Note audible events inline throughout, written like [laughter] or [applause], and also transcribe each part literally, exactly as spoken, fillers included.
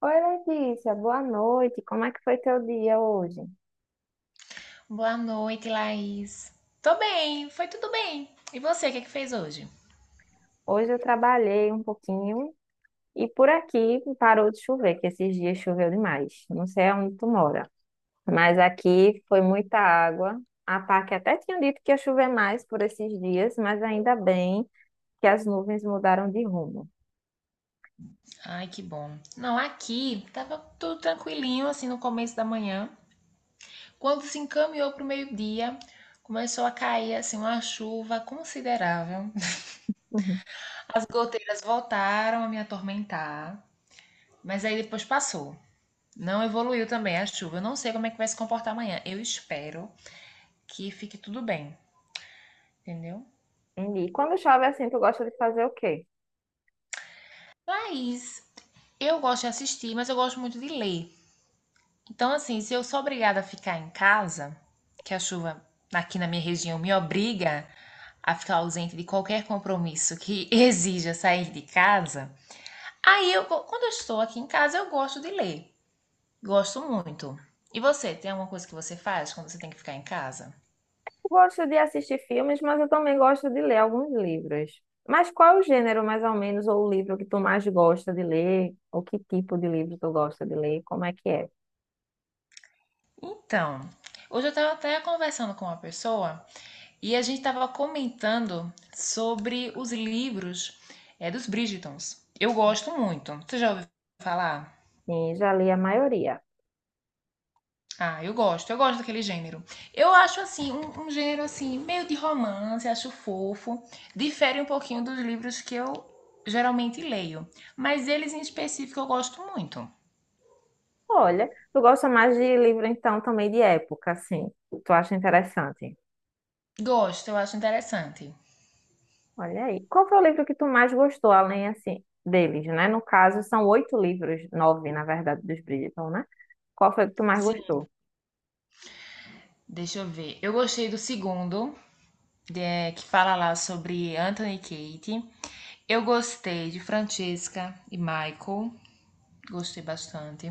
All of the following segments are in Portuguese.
Oi, Letícia, boa noite. Como é que foi teu dia hoje? Boa noite, Laís. Tô bem, foi tudo bem. E você, o que é que fez hoje? Hoje eu trabalhei um pouquinho e por aqui parou de chover, que esses dias choveu demais. Não sei onde tu mora, mas aqui foi muita água. A P A C até tinha dito que ia chover mais por esses dias, mas ainda bem que as nuvens mudaram de rumo. Ai, que bom. Não, aqui tava tudo tranquilinho, assim, no começo da manhã. Quando se encaminhou pro meio-dia, começou a cair, assim, uma chuva considerável. Uhum. As goteiras voltaram a me atormentar, mas aí depois passou. Não evoluiu também a chuva. Eu não sei como é que vai se comportar amanhã. Eu espero que fique tudo bem, entendeu? Entendi. E quando chove assim, tu gosta de fazer o quê? Laís, eu gosto de assistir, mas eu gosto muito de ler. Então, assim, se eu sou obrigada a ficar em casa, que a chuva aqui na minha região me obriga a ficar ausente de qualquer compromisso que [laughs] exija sair de casa, aí eu, go- quando eu estou aqui em casa, eu gosto de ler. Gosto muito. E você, tem alguma coisa que você faz quando você tem que ficar em casa? Gosto de assistir filmes, mas eu também gosto de ler alguns livros. Mas qual é o gênero, mais ou menos, ou o livro que tu mais gosta de ler? Ou que tipo de livro tu gosta de ler? Como é que é? Então, hoje eu estava até conversando com uma pessoa e a gente estava comentando sobre os livros eh, dos Bridgertons. Eu gosto muito. Você já ouviu falar? Sim, já li a maioria. Ah, eu gosto, eu gosto daquele gênero. Eu acho assim, um, um gênero assim, meio de romance, acho fofo. Difere um pouquinho dos livros que eu geralmente leio. Mas eles em específico eu gosto muito. Olha, tu gosta mais de livro, então, também de época, assim. Tu acha interessante. Gosto, eu acho interessante. Olha aí. Qual foi o livro que tu mais gostou, além, assim, deles, né? No caso, são oito livros, nove, na verdade, dos Bridgerton, né? Qual foi o que tu mais Sim, gostou? deixa eu ver. Eu gostei do segundo, de- eh, que fala lá sobre Anthony e Kate. Eu gostei de Francesca e Michael. Gostei bastante.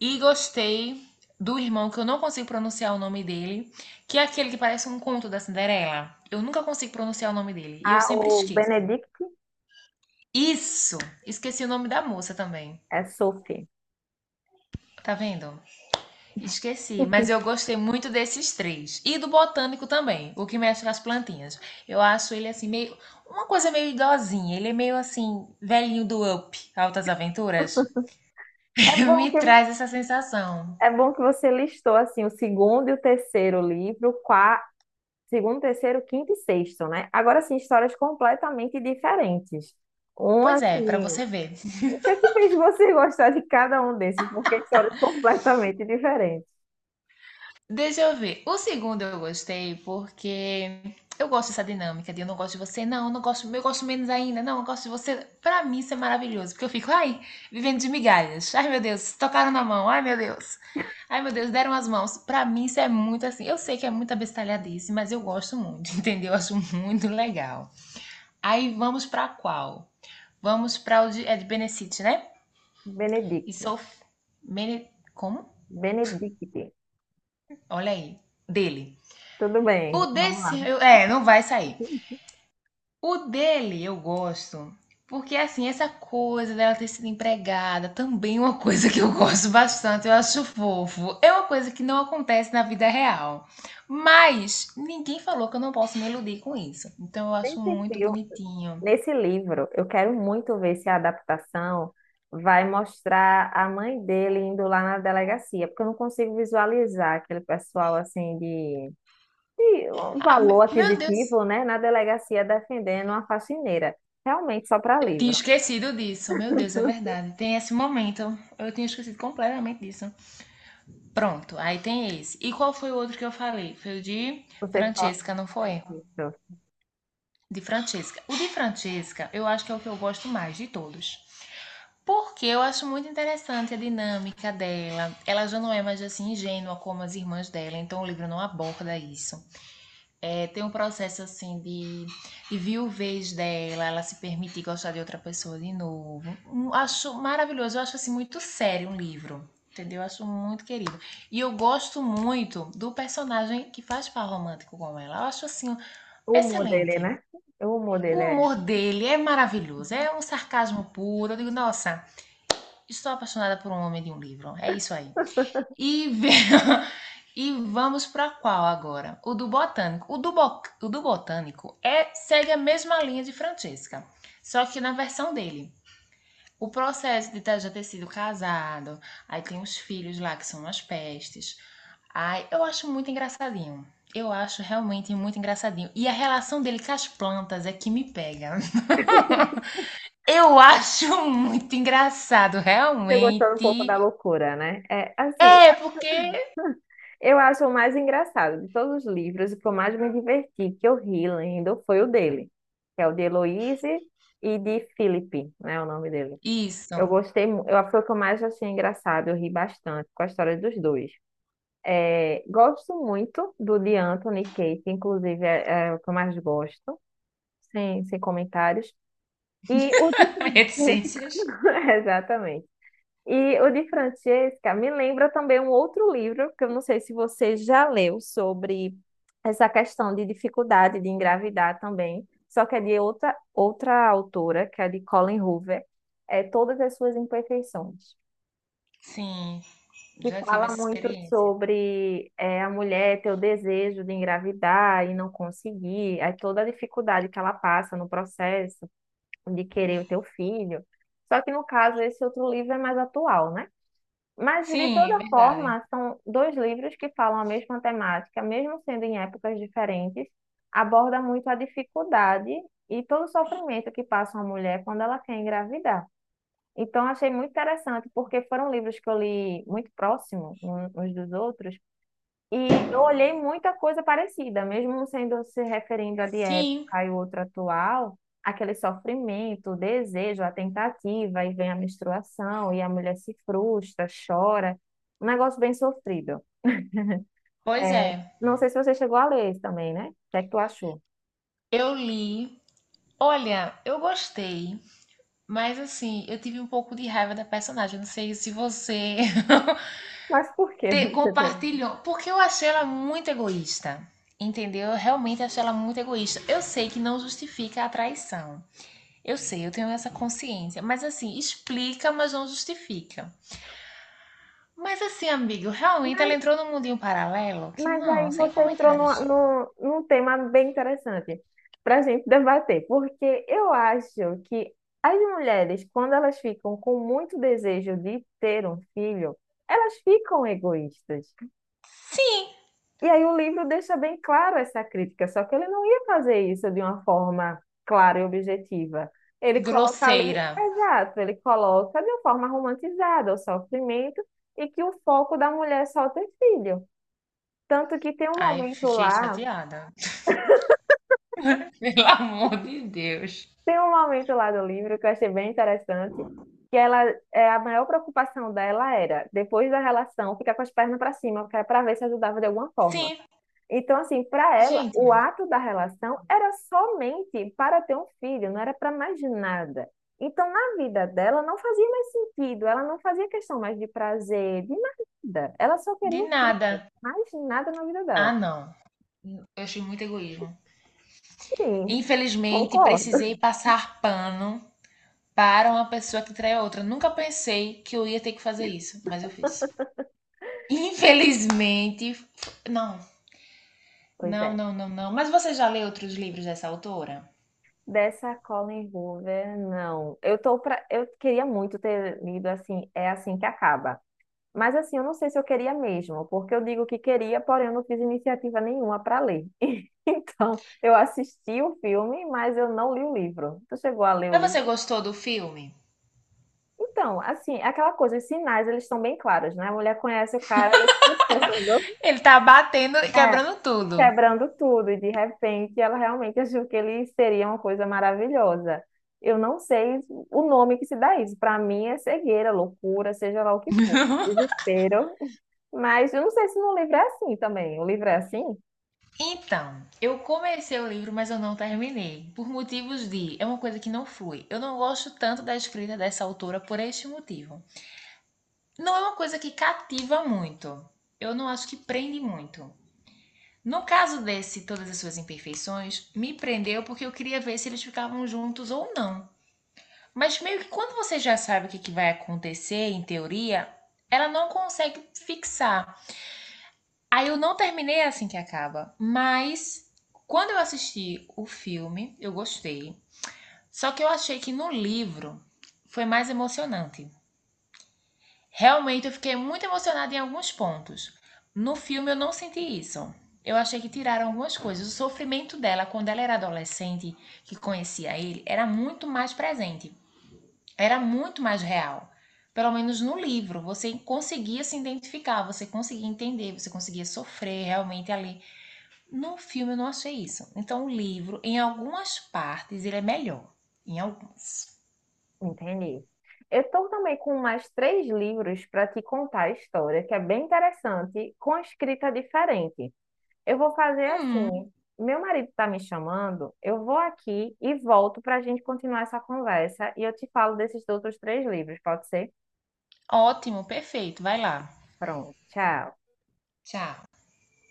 E gostei do irmão, que eu não consigo pronunciar o nome dele, que é aquele que parece um conto da Cinderela. Eu nunca consigo pronunciar o nome dele e eu Ah, sempre o esqueço. Benedict Isso! Esqueci o nome da moça também. é Sophie. Tá vendo? Esqueci. Mas eu gostei muito desses três. E do botânico também, o que mexe com as plantinhas. Eu acho ele assim, meio. Uma coisa meio idosinha. Ele é meio assim, velhinho do Up, Altas Aventuras. É [laughs] bom Me que traz essa sensação. É bom que você listou assim o segundo e o terceiro livro, qua- segundo, terceiro, quinto e sexto, né? Agora sim, histórias completamente diferentes. Um Pois é, pra assim, você ver. o que é que fez você [laughs] gostar de cada um desses? Porque histórias completamente diferentes. Deixa eu ver. O segundo eu gostei porque eu gosto dessa dinâmica de eu não gosto de você, não, eu não gosto, eu gosto menos ainda, não, eu gosto de você. Pra mim isso é maravilhoso, porque eu fico, ai, vivendo de migalhas. Ai, meu Deus, tocaram na mão. Ai, meu Deus. Ai, meu Deus, deram as mãos. Pra mim isso é muito assim. Eu sei que é muita bestalhadice, mas eu gosto muito, [laughs] entendeu? Eu acho muito legal. Aí vamos pra qual? Vamos pra o de, é de Benecite, né? E Benedict, sou Mene... Como? Benedict. Olha aí. Dele. Tudo O bem, vamos desse, lá. eu- é, não vai sair. [laughs] O dele eu gosto, porque assim, essa coisa dela ter sido empregada também é uma coisa que eu gosto bastante, eu acho fofo. É uma coisa que não acontece na vida real. Mas ninguém falou que eu não posso me iludir com isso. Então eu Nem acho sei muito bonitinho. Nesse livro, eu quero muito ver se a adaptação vai mostrar a mãe dele indo lá na delegacia, porque eu não consigo visualizar aquele pessoal assim de, de um Ah, me- valor meu Deus, aquisitivo, né, na delegacia defendendo uma faxineira. Realmente só para eu tinha livro. esquecido disso. Meu Deus, é verdade. Tem esse momento. Eu tinha esquecido completamente disso. Pronto, aí tem esse. E qual foi o outro que eu falei? Foi o de Você só Francesca, não foi? isso. De Francesca. O de Francesca, eu acho que é o que eu gosto mais de todos. Porque eu acho muito interessante a dinâmica dela. Ela já não é mais assim ingênua como as irmãs dela, então o livro não aborda isso. É, tem um processo assim de, de viuvez dela, ela se permitir gostar de outra pessoa de novo. Um- Acho maravilhoso, eu acho assim muito sério um livro. Entendeu? Eu acho muito querido. E eu gosto muito do personagem que faz par romântico com ela. Eu acho assim O humor dele, excelente. né? O humor O dele é. humor dele é maravilhoso, é um sarcasmo puro. Eu digo, nossa, estou apaixonada por um homem de um livro. É isso aí. [laughs] E, ve- [laughs] e vamos para qual agora? O do Botânico. O do, Bo- o do Botânico é segue a mesma linha de Francesca, só que na versão dele. O processo de ter- já ter sido casado, aí tem os filhos lá que são umas pestes. Ai, eu acho muito engraçadinho. Eu acho realmente muito engraçadinho. E a relação dele com as plantas é que me pega. Eu [laughs] acho muito engraçado, Você gostou um pouco da realmente. loucura, né? É, assim, É, porque eu acho o mais engraçado de todos os livros, o que eu mais me diverti, que eu ri lendo, foi o dele, que é o de Heloise e de Felipe, né, o nome dele. Eu isso. gostei, mu- eu, foi o que eu mais achei engraçado, eu ri bastante com a história dos dois. É, gosto muito do de Anthony e Kate, inclusive é, é o que eu mais gosto, sem, sem comentários. E o de [laughs] Francis, Reticências. [laughs] exatamente. E o de Francesca me lembra também um outro livro, que eu não sei se você já leu, sobre essa questão de dificuldade de engravidar também, só que é de outra, outra autora, que é de Colleen Hoover, é Todas as Suas Imperfeições, Sim, que já tive fala essa muito experiência. sobre é, a mulher ter o desejo de engravidar e não conseguir, aí toda a dificuldade que ela passa no processo de querer o teu filho. Só que no caso, esse outro livro é mais atual, né? Mas, de Sim, toda verdade. forma, são dois livros que falam a mesma temática, mesmo sendo em épocas diferentes, aborda muito a dificuldade e todo o sofrimento que passa uma mulher quando ela quer engravidar. Então, achei muito interessante, porque foram livros que eu li muito próximo um- uns dos outros, e eu olhei muita coisa parecida, mesmo sendo se referindo a de Sim, época e outro atual, aquele sofrimento, o desejo, a tentativa, e vem a menstruação, e a mulher se frustra, chora, um negócio bem sofrido. pois É, é. não sei se você chegou a ler isso também, né? O que é que tu achou? Eu li. Olha, eu gostei, mas assim, eu tive um pouco de raiva da personagem. Não sei se você [laughs] Mas por que [laughs] te- você teve? compartilhou, porque eu achei ela muito egoísta. Entendeu? Eu realmente achei ela muito egoísta. Eu sei que não justifica a traição. Eu sei, eu tenho essa consciência. Mas assim, explica, mas não justifica. Mas assim, amigo, realmente ela entrou num mundinho paralelo que Mas não, aí sem você entrou comentários. no no num tema bem interessante para a gente debater, porque eu acho que as mulheres, quando elas ficam com muito desejo de ter um filho, elas ficam egoístas. Sim, E aí o livro deixa bem claro essa crítica, só que ele não ia fazer isso de uma forma clara e objetiva. Ele coloca ali, grosseira. exato, ele coloca de uma forma romantizada o sofrimento e que o foco da mulher é só ter filho. Tanto que tem um Ai, momento fiquei lá. chateada. [laughs] Pelo amor de Deus. Tem um momento lá do livro que eu achei bem interessante, que ela, é, a maior preocupação dela era, depois da relação, ficar com as pernas para cima, para ver se ajudava de alguma forma. Sim, Então, assim, para ela, o gente, ato da relação era somente para ter um filho, não era para mais nada. Então, na vida dela, não fazia mais sentido, ela não fazia questão mais de prazer, de nada. Ela só queria de um filho, nada. mais nada na vida Ah, dela. não. Eu achei muito egoísmo. Sim, Infelizmente, concordo. precisei passar pano para uma pessoa que traiu a outra. Nunca pensei que eu ia ter que fazer isso, mas eu fiz. Infelizmente, f- não, Pois não, é. não, não, não. Mas você já leu outros livros dessa autora? Dessa Colin Hoover, não. Eu tô pra... eu queria muito ter lido assim, é assim que acaba. Mas assim, eu não sei se eu queria mesmo, porque eu digo que queria, porém eu não fiz iniciativa nenhuma para ler. [laughs] Então, eu assisti o filme, mas eu não li o livro. Tu chegou a ler o Mas você livro? gostou do filme? Então, assim, é aquela coisa, os sinais, eles estão bem claros, né? A mulher conhece o cara, ele [laughs] Ele tá batendo e quebrando tudo. quebrando tudo, e de repente ela realmente achou que ele seria uma coisa maravilhosa. Eu não sei o nome que se dá isso. Para mim é cegueira, loucura, seja lá o que for, desespero. Mas eu não sei se no livro é assim também. O livro é assim? Então, eu comecei o livro, mas eu não terminei, por motivos de. É uma coisa que não flui. Eu não gosto tanto da escrita dessa autora por este motivo. Não é uma coisa que cativa muito. Eu não acho que prende muito. No caso desse, Todas as Suas Imperfeições, me prendeu porque eu queria ver se eles ficavam juntos ou não. Mas meio que quando você já sabe o que, que vai acontecer, em teoria, ela não consegue fixar. Aí eu não terminei é assim que acaba. Mas quando eu assisti o filme, eu gostei. Só que eu achei que no livro foi mais emocionante. Realmente eu fiquei muito emocionada em alguns pontos. No filme eu não senti isso. Eu achei que tiraram algumas coisas. O sofrimento dela quando ela era adolescente, que conhecia ele, era muito mais presente. Era muito mais real. Pelo menos no livro, você conseguia se identificar, você conseguia entender, você conseguia sofrer realmente ali. No filme eu não achei isso. Então o livro, em algumas partes, ele é melhor. Em algumas. Entendi. Eu estou também com mais três livros para te contar a história, que é bem interessante, com escrita diferente. Eu vou fazer Hum, assim. Meu marido está me chamando, eu vou aqui e volto para a gente continuar essa conversa e eu te falo desses outros três livros, pode ser? ótimo, perfeito. Vai lá. Pronto, tchau. Tchau.